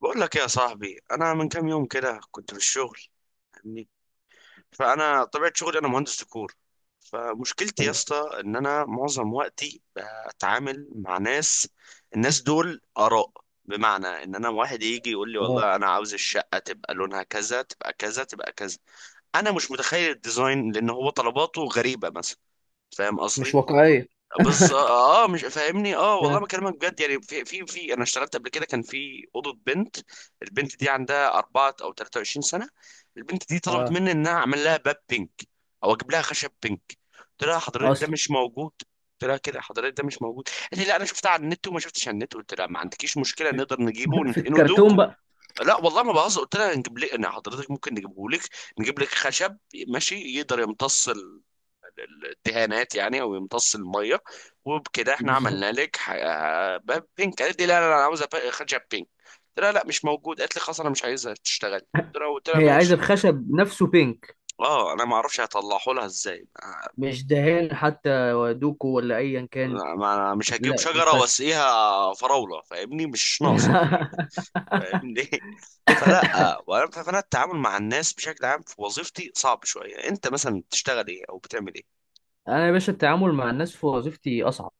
بقول لك إيه يا صاحبي، انا من كام يوم كده كنت في الشغل. فاهمني؟ فانا طبيعه شغلي انا مهندس ديكور. فمشكلتي يا اسطى ان انا معظم وقتي بتعامل مع ناس. الناس دول اراء، بمعنى ان انا واحد يجي يقول لي اه، والله انا عاوز الشقه تبقى لونها كذا، تبقى كذا، تبقى كذا. انا مش متخيل الديزاين لان هو طلباته غريبه مثلا. فاهم مش قصدي؟ واقعية. بز مش فاهمني؟ اه والله اه بكلمك بجد، يعني في في في انا اشتغلت قبل كده، كان في اوضه بنت. البنت دي عندها اربعة او 23 سنه. البنت دي طلبت اه، مني ان انا اعمل لها باب بينك، او اجيب لها خشب بينك. قلت لها حضرتك ده اصلا. مش موجود. قلت لها كده حضرتك ده مش موجود، قالت لي لا انا شفتها على النت، وما شفتش على النت. قلت لها ما عندكيش مشكله، نقدر نجيبه في وندهنه الكرتون دوكو. بقى. لا والله ما بهزر، قلت لها نجيب لك، انا حضرتك ممكن نجيبه لك، نجيب لك خشب ماشي يقدر يمتص الدهانات يعني، او يمتص الميه، وبكده احنا بالظبط. عملنا لك باب بينك. قالت لي لا لا لا، انا عاوزه خدشه بينك. قلت لها لا مش موجود، قالت لي خلاص انا مش عايزها تشتغل. قلت لها هي عايزه ماشي. بخشب نفسه بينك، اه انا ما اعرفش هطلعه لها ازاي. مش دهان حتى ودوكو ولا ايا كان. انا مش هجيب لا شجره الخشب. واسقيها فراوله، فاهمني؟ مش ناقصه. فاهمني؟ فلا. فانا التعامل مع الناس بشكل عام في وظيفتي صعب شويه. انت مثلا بتشتغل ايه او بتعمل ايه؟ انا يا باشا التعامل مع الناس في وظيفتي اصعب.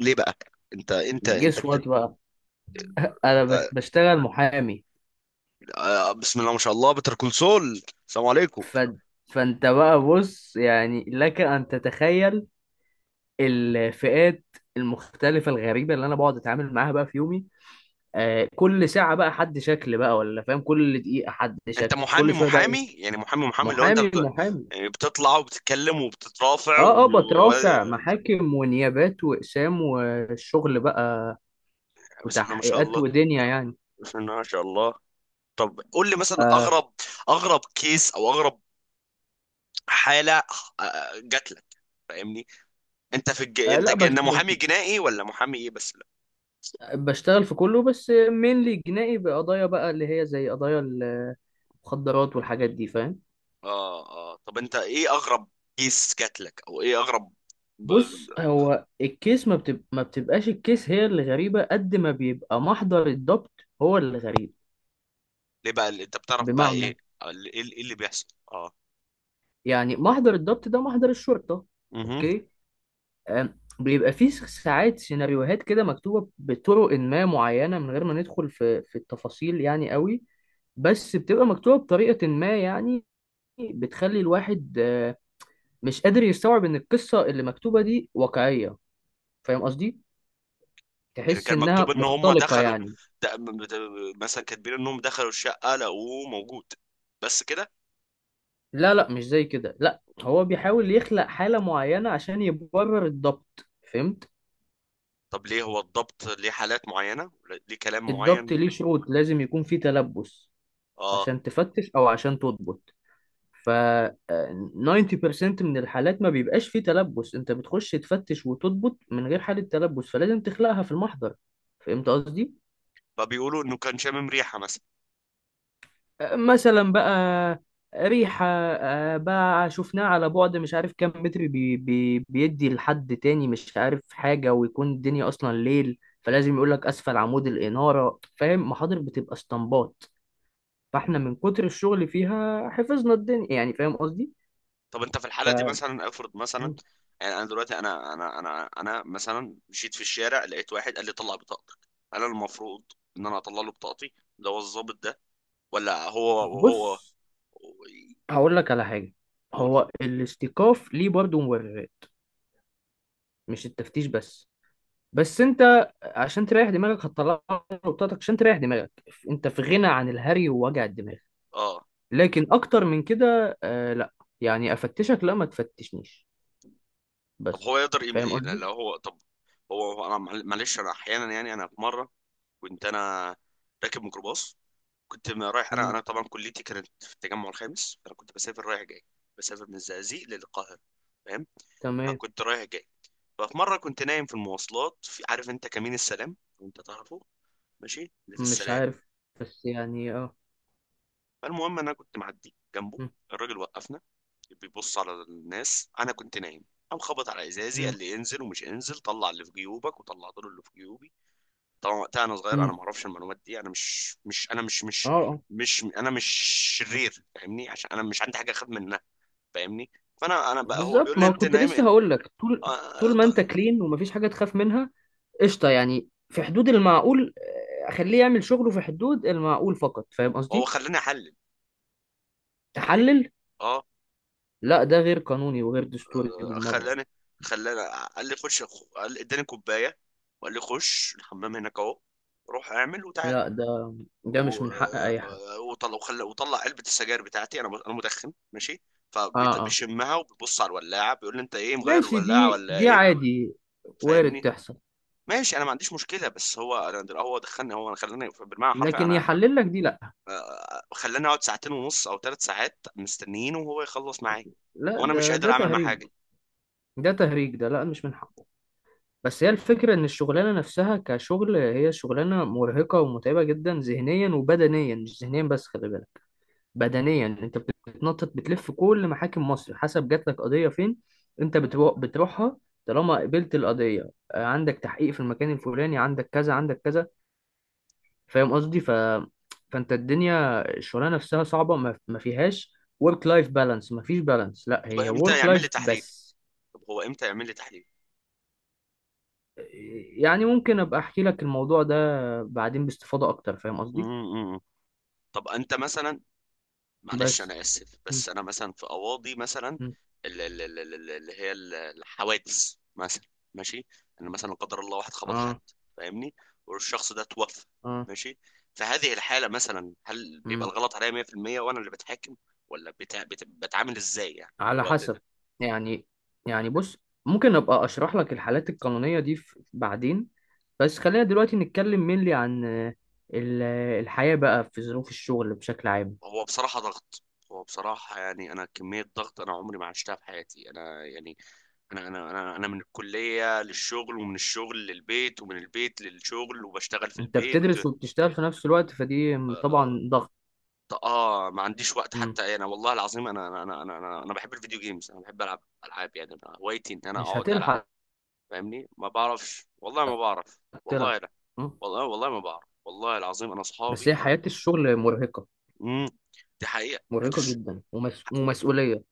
ليه بقى؟ انت جس بت... وات بقى. انا بشتغل محامي. آه، بسم الله ما شاء الله، بتر كول سول. السلام عليكم. ف... فانت بقى بص، يعني لك ان تتخيل الفئات المختلفه الغريبه اللي انا بقعد اتعامل معاها بقى في يومي. آه، كل ساعة بقى حد شكل بقى، ولا فاهم، كل دقيقة حد انت شكل، محامي كل شوية بقى ايه. محامي، يعني محامي محامي، اللي هو انت محامي بت... محامي. يعني بتطلع وبتتكلم وبتترافع و... اه اه، بترافع محاكم ونيابات واقسام والشغل بقى، بسم الله ما شاء وتحقيقات الله. ودنيا يعني. بسم الله ما شاء الله. طب قول لي مثلا آه اغرب، اغرب كيس او اغرب حالة آه، جات لك. فاهمني؟ انت في الج... آه انت لا ج... بش انت بش محامي جنائي ولا محامي ايه؟ بس لا. بشتغل في كله، بس مينلي جنائي بقضايا بقى اللي هي زي قضايا المخدرات والحاجات دي، فاهم. اه اه، طب انت ايه اغرب كيس جات لك، او ايه اغرب ب-؟ بص، هو الكيس ما بتبقاش الكيس هي اللي غريبة، قد ما بيبقى محضر الضبط هو اللي غريب. ليه بقى؟ اللي انت بتعرف بقى بمعنى، ايه؟ ايه اللي إيه اللي بيحصل؟ يعني محضر الضبط ده محضر الشرطة، اه. اوكي. آم، بيبقى فيه ساعات سيناريوهات كده مكتوبة بطرق ما معينة، من غير ما ندخل في التفاصيل يعني قوي، بس بتبقى مكتوبة بطريقة ما يعني، بتخلي الواحد مش قادر يستوعب ان القصة اللي مكتوبة دي واقعية. فاهم قصدي؟ يعني تحس كان مكتوب انها ان هم مختلقة دخلوا، يعني. ده- م- ده- مثلا كاتبين انهم دخلوا الشقه لقوه موجود، بس كده؟ لا لا مش زي كده، لا هو بيحاول يخلق حالة معينة عشان يبرر الضبط، فهمت؟ طب ليه هو الضبط ليه حالات معينه؟ ليه كلام الضبط معين؟ ليه شروط، لازم يكون فيه تلبس اه. عشان تفتش او عشان تضبط. ف آه، 90% من الحالات ما بيبقاش فيه تلبس، انت بتخش تفتش وتضبط من غير حالة تلبس، فلازم تخلقها في المحضر. فهمت قصدي. فبيقولوا انه كان شامم ريحه مثلا. مثلا بقى، ريحة بقى شفناها على بعد مش عارف كام متر بي بي بيدي لحد تاني مش عارف حاجة، ويكون الدنيا أصلا ليل، فلازم يقولك أسفل عمود الإنارة. فاهم، محاضر بتبقى اسطمبات، فاحنا من كتر الشغل فيها حفظنا الدنيا يعني. فاهم قصدي؟ طب انت في ف الحاله دي مثلا، افرض مثلا، يعني انا دلوقتي انا مثلا مشيت في الشارع، لقيت واحد قال لي طلع بطاقتك. انا المفروض ان انا اطلع له بطاقتي؟ ده هو الضابط ده، ولا هو هو بص هقول لك على حاجة، يقول هو الاستيقاف ليه برضه مبررات، مش التفتيش بس. بس انت عشان تريح دماغك هتطلع نقطتك، عشان تريح دماغك، انت في غنى عن الهري ووجع الدماغ. اه؟ لكن اكتر من كده لا، يعني افتشك لا، ما تفتشنيش طب بس. هو يقدر يم... فاهم إيه لو قصدي؟ هو؟ طب هو هو انا معلش، انا احيانا يعني انا في مره كنت انا راكب ميكروباص، كنت رايح، انا امم. انا طبعا كليتي كانت في التجمع الخامس، فانا كنت بسافر رايح جاي، بسافر من الزقازيق للقاهره. فاهم؟ تمام. فكنت رايح جاي. ففي مره كنت نايم في المواصلات، في عارف انت كمين السلام؟ وانت تعرفه، ماشي، اللي في مش السلام. عارف بس يعني اه. فالمهم انا كنت معدي جنبه مم، الراجل، وقفنا، بيبص على الناس، انا كنت نايم. قام خبط على ازازي، مم، قال لي انزل، ومش انزل، طلع اللي في جيوبك، وطلعت له اللي في جيوبي. طبعا وقتها انا صغير، مم. انا ما اعرفش المعلومات دي. انا مش مش انا مش مش اه آه. مش انا مش شرير، فاهمني؟ عشان انا مش عندي حاجه اخد منها، فاهمني؟ فانا بقى هو بالظبط، بيقول لي ما انت كنت نايم لسه ايه. هقول لك، طول آه طول ما طيب. انت كلين ومفيش حاجة تخاف منها، قشطه، يعني في حدود المعقول، اخليه يعمل شغله في حدود المعقول فقط. فاهم هو قصدي. خلاني احلل، تحلل؟ اه. لا ده غير قانوني وغير دستوري آه، بالمره. خلاني قال لي خش، قال لي اداني كوبايه وقال لي خش الحمام هناك اهو، روح اعمل وتعال. لا ده ده مش و- من حق اي حد. وطلع وخلى، وطلع علبه السجاير بتاعتي، انا انا مدخن ماشي، اه اه، فبيشمها وبيبص على الولاعه، بيقول لي انت ايه مغير ماشي، الولاعه دي ولا دي ايه. عادي، وارد فاهمني؟ تحصل. ماشي انا ما عنديش مشكله، بس هو هو دخلني، هو انا خلاني بالمعنى الحرفي، لكن انا يحلل لك دي لا، آه، خلاني اقعد ساعتين ونص او ثلاث ساعات مستنيين وهو يخلص معايا، لا وانا مش ده قادر ده اعمل معاه تهريج. حاجه. ده تهريج ده، لا مش من حقه. بس هي الفكرة إن الشغلانة نفسها كشغل هي شغلانة مرهقة ومتعبة جدا ذهنيا وبدنيا، مش ذهنيا بس، خلي بالك. بدنيا انت بتتنطط بتلف كل محاكم مصر، حسب جات لك قضيه فين انت بتروح بتروحها. طالما قبلت القضيه عندك تحقيق في المكان الفلاني، عندك كذا، عندك كذا. فاهم قصدي. فانت الدنيا الشغلانه نفسها صعبه، ما فيهاش ورك لايف بالانس، ما فيش بالانس، لا طب هي امتى ورك يعمل لي لايف تحليل؟ بس. طب هو امتى يعمل لي تحليل؟ يعني ممكن ابقى احكي لك الموضوع ده بعدين باستفاضه اكتر، فاهم مم، قصدي. مم. طب انت مثلا، معلش انا بس اسف، م- بس انا مثلا في اواضي مثلا، م- اللي هي الحوادث مثلا، ماشي. انا مثلا لا قدر الله واحد خبط حد، اه فاهمني؟ والشخص ده توفى، اه ماشي. في هذه الحالة مثلا، هل بيبقى م. الغلط عليا 100%؟ وانا اللي بتحاكم، ولا بتا... بت... بتعامل ازاي يعني في على الوقت ده؟ حسب يعني يعني بص، ممكن ابقى اشرح لك الحالات القانونية دي بعدين، بس خلينا دلوقتي نتكلم mainly عن الحياة بقى في ظروف الشغل بشكل عام. هو بصراحة ضغط. هو بصراحة يعني أنا كمية ضغط أنا عمري ما عشتها في حياتي. أنا يعني أنا من الكلية للشغل، ومن الشغل للبيت، ومن البيت للشغل، وبشتغل في انت البيت. بتدرس وبتشتغل في نفس الوقت، فدي اه. طبعا ضغط. آه، ما عنديش وقت مم. حتى. انا والله العظيم انا انا انا انا, أنا أنا بحب الفيديو جيمز، انا بحب العب العاب، يعني أنا هوايتي ان انا مش اقعد العب. هتلحق فاهمني؟ ما بعرفش، والله ما بعرف، تلعب. والله لا، مم. والله والله ما بعرف، والله العظيم. انا بس هي اصحابي انا. حياة الشغل مرهقة، امم. دي حقيقة مرهقة هتش. جدا ومسؤولية.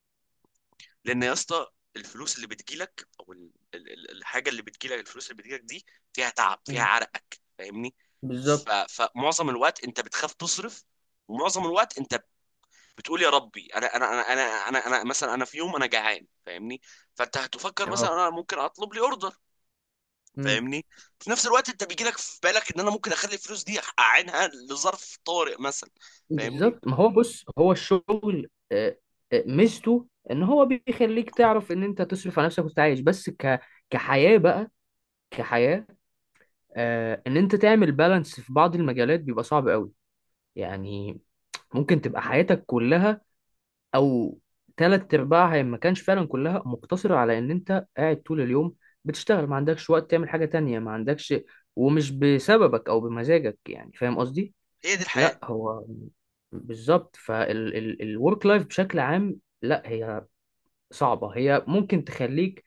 لان يا اسطى الفلوس اللي بتجيلك، او الحاجة اللي بتجيلك، الفلوس اللي بتجيلك دي فيها تعب، فيها مم. عرقك، فاهمني؟ بالظبط. فمعظم الوقت انت بتخاف تصرف، ومعظم الوقت انت بتقول يا ربي، انا مثلا انا في يوم انا جعان، فاهمني؟ فانت هتفكر مثلا اه. انا ممكن اطلب لي اوردر. مم. فاهمني؟ في نفس الوقت انت بيجي لك في بالك ان انا ممكن اخلي الفلوس دي اعينها لظرف طارئ مثلا. فاهمني؟ بالظبط، ما هو بص هو الشغل ميزته ان هو بيخليك تعرف ان انت تصرف على نفسك وتعيش، بس كحياة بقى، كحياة، ان انت تعمل بالانس في بعض المجالات بيبقى صعب قوي. يعني ممكن تبقى حياتك كلها او تلات ارباعها، إن ما كانش فعلا كلها، مقتصرة على ان انت قاعد طول اليوم بتشتغل، ما عندكش وقت تعمل حاجة تانية، ما عندكش، ومش بسببك او بمزاجك يعني. فاهم قصدي. هي دي الحياة. لا هو بالظبط، فالورك لايف بشكل عام لا هي صعبة، هي ممكن تخليك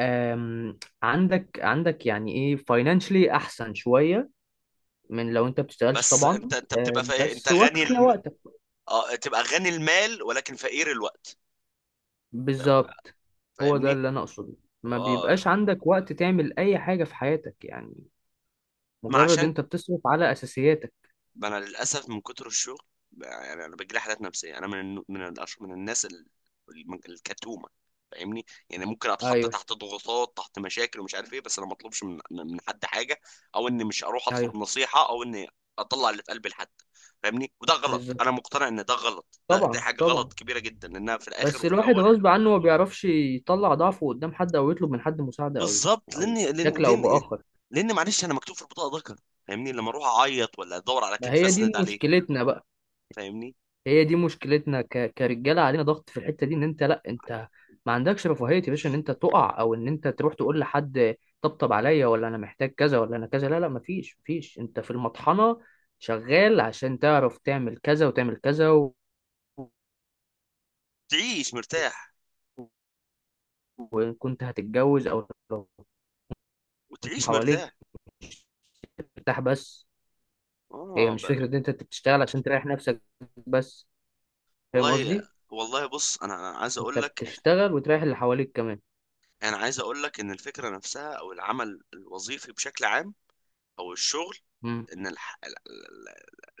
عندك عندك يعني ايه فاينانشلي احسن شوية من لو انت بتشتغلش بس طبعا، انت انت بتبقى فا... انت بس غني واكلة الم... وقتك. اه، تبقى غني المال ولكن فقير الوقت. فاهم-؟ بالظبط، هو ده فاهمني؟ اللي انا اقصده. ما اه. بيبقاش عندك وقت تعمل اي حاجة في حياتك يعني، ما مجرد عشان، انت بتصرف على اساسياتك. ما انا للاسف من كتر الشغل يعني انا بجيلي حالات نفسيه. انا من من الأش... من الناس ال... الكتومه، فاهمني؟ يعني ممكن اتحط ايوه. تحت ضغوطات، تحت مشاكل ومش عارف ايه، بس انا ما اطلبش من حد حاجه، او اني مش اروح اطلب ايوه. نصيحه، او اني اطلع اللي في قلبي لحد. فاهمني؟ وده غلط، انا بالظبط. مقتنع ان ده غلط، ده دي طبعا حاجه غلط طبعا. كبيره جدا، لانها في الاخر بس وفي الواحد الاول. غصب عنه ما بيعرفش يطلع ضعفه قدام حد، او يطلب من حد مساعدة، او بالظبط. او لان لان بشكل او لان باخر. لان معلش انا مكتوب في البطاقه ذكر، فاهمني؟ لما اروح اعيط، ولا ادور على ما كتف هي دي اسند عليه. مشكلتنا بقى، فاهمني؟ هي دي مشكلتنا كرجالة، علينا ضغط في الحتة دي ان انت، لا انت ما عندكش رفاهية يا باشا ان انت تقع، او ان انت تروح تقول لحد طبطب عليا، ولا انا محتاج كذا، ولا انا كذا. لا لا، مفيش، مفيش. انت في المطحنة شغال عشان تعرف تعمل كذا وتعمل كذا و... تعيش مرتاح، وإن كنت هتتجوز، أو لو كنت وتعيش حواليك مرتاح. مرتاح بس. هي اه مش بقى. فكرة ان إنت بتشتغل عشان تريح نفسك بس، فاهم والله قصدي، والله بص، انا عايز انت اقول لك، بتشتغل وتريح اللي حواليك كمان. انا عايز اقول لك ان الفكره نفسها، او العمل الوظيفي بشكل عام، او الشغل، امم ان الح... ال- ال-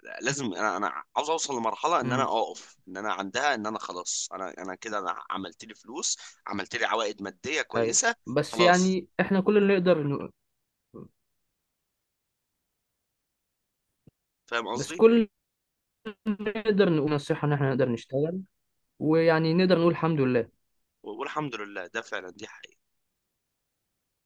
ال- لازم انا، عاوز اوصل لمرحله ان انا امم اقف ان انا عندها، ان انا خلاص انا انا كده، انا عملت لي فلوس، عملت لي عوائد ماديه ايوه، كويسه، بس خلاص. يعني احنا كل اللي نقدر نقول، فاهم بس قصدي؟ كل اللي نقدر نقول نصيحة ان احنا نقدر نشتغل ويعني نقدر نقول الحمد لله. والحمد لله ده فعلا دي